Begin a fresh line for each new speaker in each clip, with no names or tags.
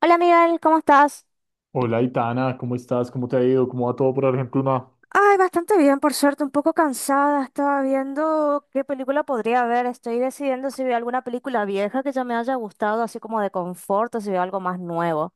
Hola Miguel, ¿cómo estás?
Hola, Itana, ¿cómo estás? ¿Cómo te ha ido? ¿Cómo va todo por Argentina?
Ay, bastante bien, por suerte, un poco cansada. Estaba viendo qué película podría ver. Estoy decidiendo si veo alguna película vieja que ya me haya gustado, así como de confort, o si veo algo más nuevo.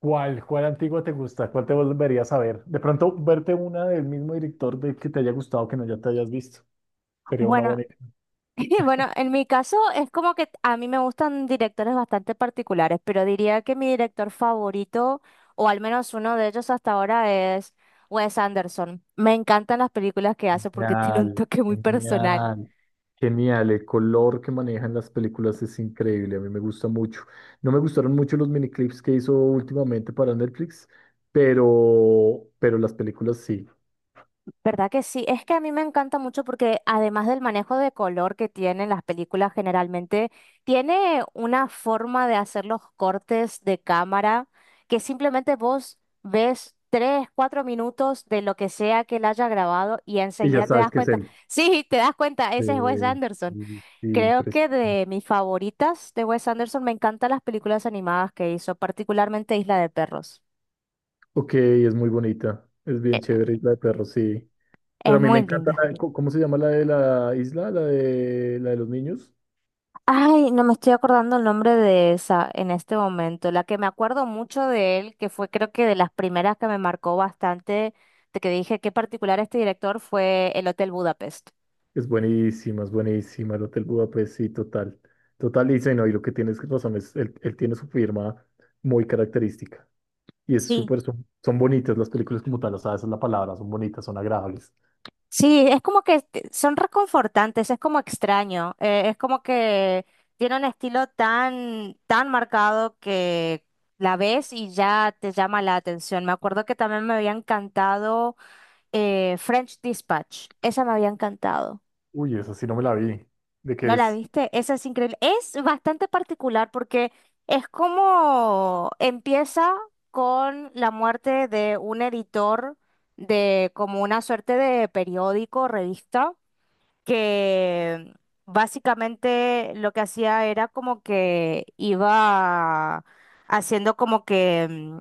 ¿Cuál antigua te gusta? ¿Cuál te volverías a ver? De pronto, verte una del mismo director de que te haya gustado, que no ya te hayas visto. Sería una
Bueno,
buena idea.
y bueno, en mi caso es como que a mí me gustan directores bastante particulares, pero diría que mi director favorito, o al menos uno de ellos hasta ahora, es Wes Anderson. Me encantan las películas que hace porque tiene un
Genial,
toque muy personal.
genial, genial. El color que manejan las películas es increíble. A mí me gusta mucho. No me gustaron mucho los miniclips que hizo últimamente para Netflix, pero las películas sí.
¿Verdad que sí? Es que a mí me encanta mucho porque además del manejo de color que tienen las películas generalmente, tiene una forma de hacer los cortes de cámara que simplemente vos ves 3, 4 minutos de lo que sea que él haya grabado y
Y ya
enseguida te
sabes
das
que es
cuenta.
él.
Sí, te das cuenta,
Sí,
ese es Wes Anderson.
sí, sí,
Creo que
impresionante.
de mis favoritas de Wes Anderson me encantan las películas animadas que hizo, particularmente Isla de Perros.
Ok, es muy bonita. Es bien
E-
chévere Isla de Perros, sí. Pero
Es
a mí me
muy
encanta
linda.
¿cómo se llama la de la isla? La de los niños.
Ay, no me estoy acordando el nombre de esa en este momento. La que me acuerdo mucho de él, que fue creo que de las primeras que me marcó bastante, de que dije qué particular este director, fue El Hotel Budapest.
Es buenísima, es buenísima. El Hotel Budapest, sí, total. Total, y sí, no, y lo que tienes razón es, él tiene su firma muy característica. Y es
Sí,
súper, son bonitas las películas como tal, o sea, esa es la palabra, son bonitas, son agradables.
sí, es como que son reconfortantes, es como extraño, es como que tiene un estilo tan, tan marcado que la ves y ya te llama la atención. Me acuerdo que también me había encantado French Dispatch, esa me había encantado.
Uy, esa sí no me la vi. ¿De qué
¿No la
es?
viste? Esa es increíble. Es bastante particular porque es como empieza con la muerte de un editor de como una suerte de periódico, revista que básicamente lo que hacía era como que iba haciendo como que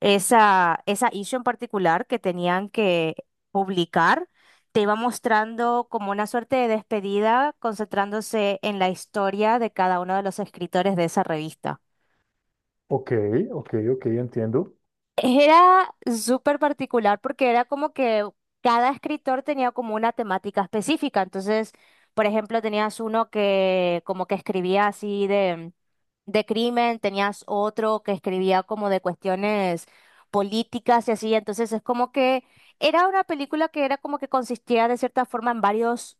esa issue en particular que tenían que publicar, te iba mostrando como una suerte de despedida, concentrándose en la historia de cada uno de los escritores de esa revista.
Ok, ok, ok, entiendo.
Era súper particular porque era como que cada escritor tenía como una temática específica. Entonces, por ejemplo, tenías uno que como que escribía así de crimen, tenías otro que escribía como de cuestiones políticas y así, entonces es como que era una película que era como que consistía de cierta forma en varios,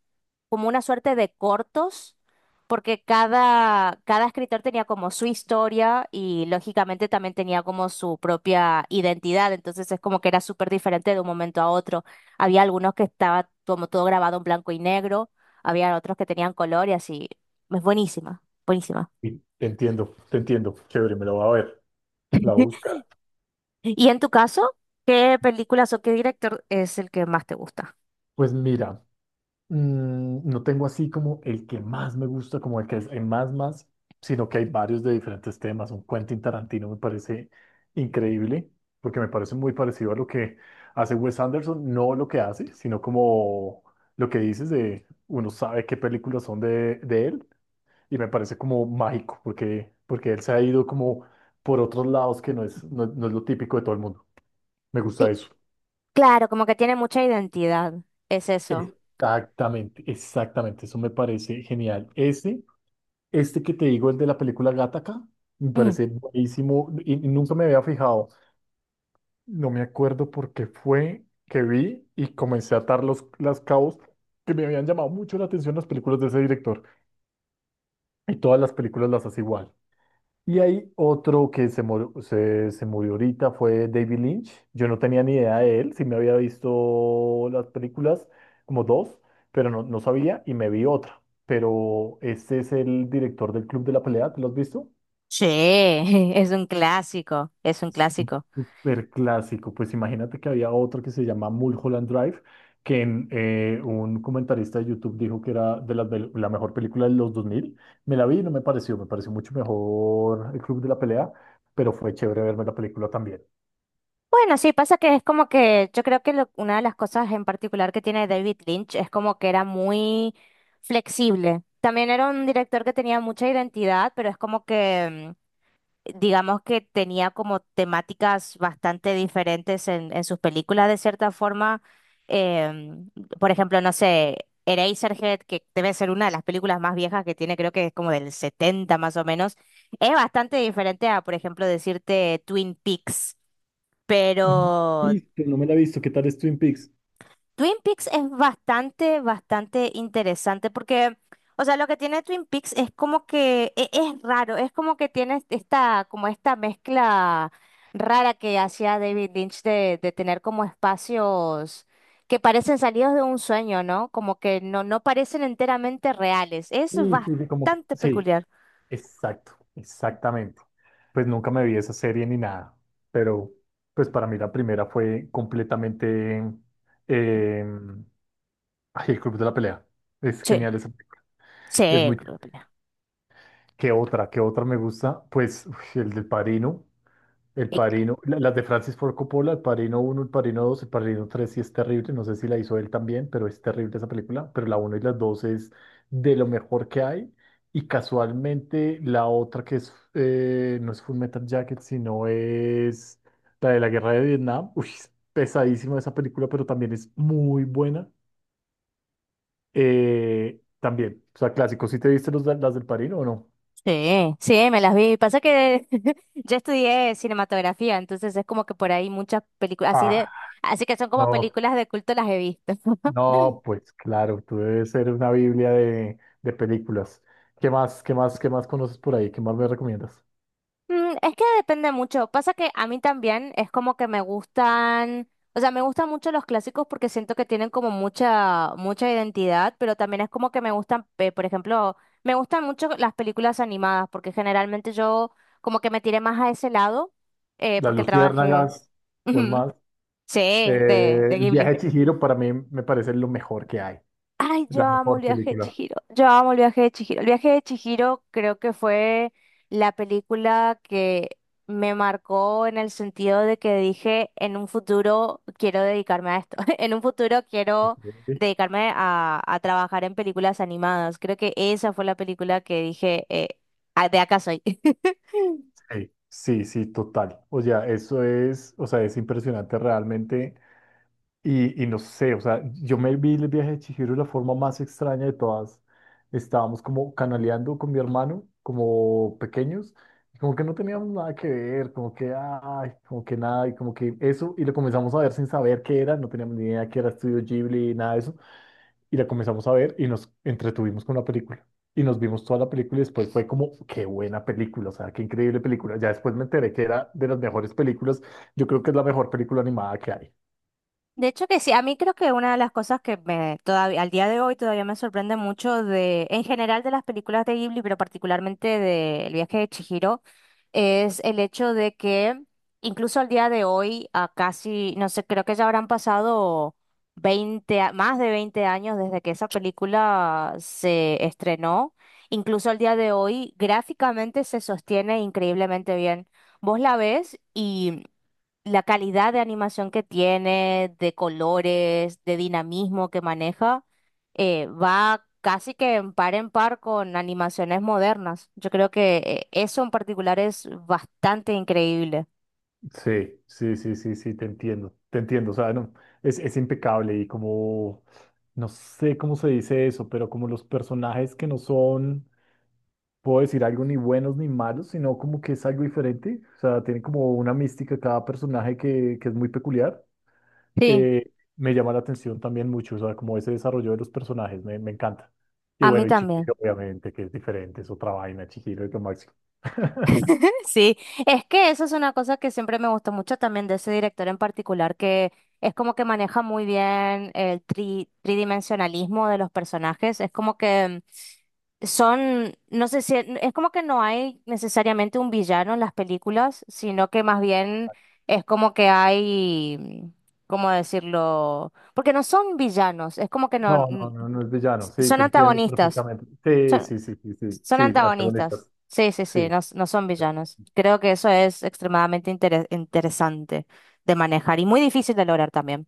como una suerte de cortos, porque cada escritor tenía como su historia y lógicamente también tenía como su propia identidad, entonces es como que era súper diferente de un momento a otro. Había algunos que estaba como todo grabado en blanco y negro, había otros que tenían color y así. Es buenísima, buenísima.
Sí, te entiendo, te entiendo. Chévere, me la voy a ver, la voy a buscar.
Y en tu caso, ¿qué películas o qué director es el que más te gusta?
Pues mira, no tengo así como el que más me gusta, como el que es el más más, sino que hay varios de diferentes temas. Un Quentin Tarantino me parece increíble, porque me parece muy parecido a lo que hace Wes Anderson, no lo que hace, sino como lo que dices de uno sabe qué películas son de él, y me parece como mágico, porque, porque él se ha ido como por otros lados que no es, no, no es lo típico de todo el mundo. Me gusta
Sí,
eso.
claro, como que tiene mucha identidad, es eso.
Exactamente, exactamente, eso me parece genial. Ese. Este que te digo, el de la película Gattaca, me
Mm.
parece buenísimo y nunca me había fijado. No me acuerdo por qué fue que vi y comencé a atar las cabos que me habían llamado mucho la atención las películas de ese director. Y todas las películas las hace igual. Y hay otro que se murió, se murió ahorita, fue David Lynch. Yo no tenía ni idea de él, sí me había visto las películas, como dos, pero no, no sabía y me vi otra. Pero este es el director del Club de la Pelea, ¿te lo has visto?
Sí, es un clásico, es un clásico.
Súper clásico. Pues imagínate que había otro que se llama Mulholland Drive, que un comentarista de YouTube dijo que era la mejor película de los 2000. Me la vi y no me pareció, me pareció mucho mejor El Club de la Pelea, pero fue chévere verme la película también.
Bueno, sí, pasa que es como que yo creo que una de las cosas en particular que tiene David Lynch es como que era muy flexible. También era un director que tenía mucha identidad, pero es como que, digamos que tenía como temáticas bastante diferentes en sus películas de cierta forma. Em, por ejemplo, no sé, Eraserhead, que debe ser una de las películas más viejas que tiene, creo que es como del 70 más o menos, es bastante diferente a, por ejemplo, decirte Twin Peaks. Pero
Mm. ¿Y que no me la he visto, qué tal es Twin Peaks?
Twin Peaks es bastante, bastante interesante porque, o sea, lo que tiene Twin Peaks es como que es, raro, es como que tiene esta, como esta mezcla rara que hacía David Lynch de tener como espacios que parecen salidos de un sueño, ¿no? Como que no, no parecen enteramente reales. Es
Sí, sí, sí,
bastante
sí,
peculiar.
exacto, exactamente. Pues nunca me vi esa serie ni nada, pero pues para mí la primera fue completamente... em, ay, el Club de la Pelea. Es
Sí,
genial esa película. Es
sí,
muy chévere.
creo que
¿Qué otra? ¿Qué otra me gusta? Pues uf, el del Padrino. El
no.
Padrino. Las de Francis Ford Coppola. El Padrino uno, el Padrino dos, el Padrino tres sí es terrible. No sé si la hizo él también, pero es terrible esa película. Pero la uno y la 2 es de lo mejor que hay. Y casualmente la otra que es... no es Full Metal Jacket, sino es la de la Guerra de Vietnam. Uy, es pesadísima esa película, pero también es muy buena. También, o sea, clásicos. ¿Sí te viste las del Padrino o no?
Sí, sí, me las vi. Pasa que yo estudié cinematografía, entonces es como que por ahí muchas películas,
Ah,
así que son como
no,
películas de culto las he visto.
no, pues claro, tú debes ser una biblia de películas. ¿Qué más, qué más, qué más conoces por ahí? ¿Qué más me recomiendas?
Mm, es que depende mucho. Pasa que a mí también es como que me gustan, o sea, me gustan mucho los clásicos porque siento que tienen como mucha, mucha identidad, pero también es como que me gustan, por ejemplo, me gustan mucho las películas animadas porque generalmente yo como que me tiré más a ese lado
Las
porque trabajé,
Luciérnagas, ¿cuál
Ujú.
más?
Sí, de, de
El viaje
Ghibli.
de Chihiro para mí me parece lo mejor que hay,
Ay,
la
yo amo el
mejor
viaje de
película.
Chihiro. Yo amo el viaje de Chihiro. El viaje de Chihiro creo que fue la película que me marcó en el sentido de que dije, en un futuro quiero dedicarme a esto. En un futuro quiero
Ok.
dedicarme a trabajar en películas animadas. Creo que esa fue la película que dije, "Ah, de acá soy.
Sí, sí, sí, total. O sea, eso es, o sea, es impresionante realmente. Y no sé, o sea, yo me vi el viaje de Chihiro de la forma más extraña de todas. Estábamos como canaleando con mi hermano, como pequeños, y como que no teníamos nada que ver, como que ay, como que nada, y como que eso, y la comenzamos a ver sin saber qué era, no teníamos ni idea que era Estudio Ghibli, nada de eso, y la comenzamos a ver y nos entretuvimos con la película. Y nos vimos toda la película y después fue como, qué buena película, o sea, qué increíble película. Ya después me enteré que era de las mejores películas, yo creo que es la mejor película animada que hay.
De hecho que sí, a mí creo que una de las cosas que me todavía al día de hoy todavía me sorprende mucho de en general de las películas de Ghibli, pero particularmente de El viaje de Chihiro, es el hecho de que incluso al día de hoy, a casi, no sé, creo que ya habrán pasado más de 20 años desde que esa película se estrenó, incluso al día de hoy gráficamente se sostiene increíblemente bien. Vos la ves y la calidad de animación que tiene, de colores, de dinamismo que maneja, va casi que en par con animaciones modernas. Yo creo que eso en particular es bastante increíble.
Sí, sí, sí, sí, sí, te entiendo, o sea, no, es impecable y como, no sé cómo se dice eso, pero como los personajes que no son, puedo decir algo ni buenos ni malos, sino como que es algo diferente, o sea, tiene como una mística cada personaje que es muy peculiar,
Sí,
me llama la atención también mucho, o sea, como ese desarrollo de los personajes, me encanta. Y
a mí
bueno, y
también.
Chihiro, obviamente, que es diferente, es otra vaina, Chihiro es lo máximo.
Sí, es que eso es una cosa que siempre me gustó mucho también de ese director en particular, que es como que maneja muy bien el tridimensionalismo de los personajes, es como que son, no sé si, es como que no hay necesariamente un villano en las películas, sino que más bien es como que hay, ¿cómo decirlo? Porque no son villanos, es como que no,
No, no, no, no es villano. Sí,
son
te entiendo
antagonistas,
perfectamente. Sí,
son,
sí, sí, sí, sí,
son
sí,
antagonistas.
antagonistas.
Sí, sí,
Sí.
sí, no, no son
Sí.
villanos. Creo que eso es extremadamente interesante de manejar y muy difícil de lograr también.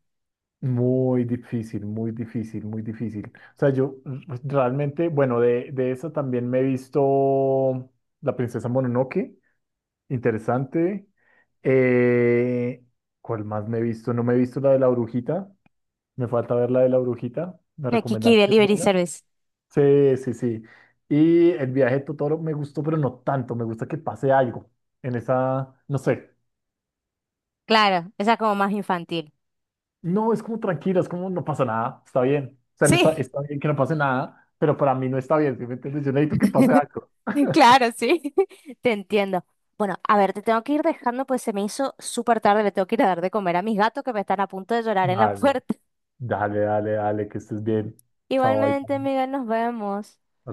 Muy difícil, muy difícil, muy difícil. O sea, yo realmente, bueno, de eso también me he visto La Princesa Mononoke, interesante. Eh, ¿Cuál más me he visto? No me he visto la de la brujita. Me falta ver la de la brujita. Me
Kiki
recomendaron que es
Delivery
buena.
Service.
Sí, sí, sí. Y el viaje de Totoro me gustó, pero no tanto. Me gusta que pase algo en esa, no sé.
Claro, esa es como más infantil.
No, es como tranquilo, es como no pasa nada, está bien. O sea, no está,
Sí.
está bien que no pase nada, pero para mí no está bien. ¿Sí me entiendes? Yo necesito que pase algo.
Claro, sí, te entiendo. Bueno, a ver, te tengo que ir dejando, pues se me hizo súper tarde, le tengo que ir a dar de comer a mis gatos que me están a punto de llorar en la
Dale,
puerta.
dale, dale, dale, que estés bien. Chao, ahí.
Igualmente, Miguel, nos vemos.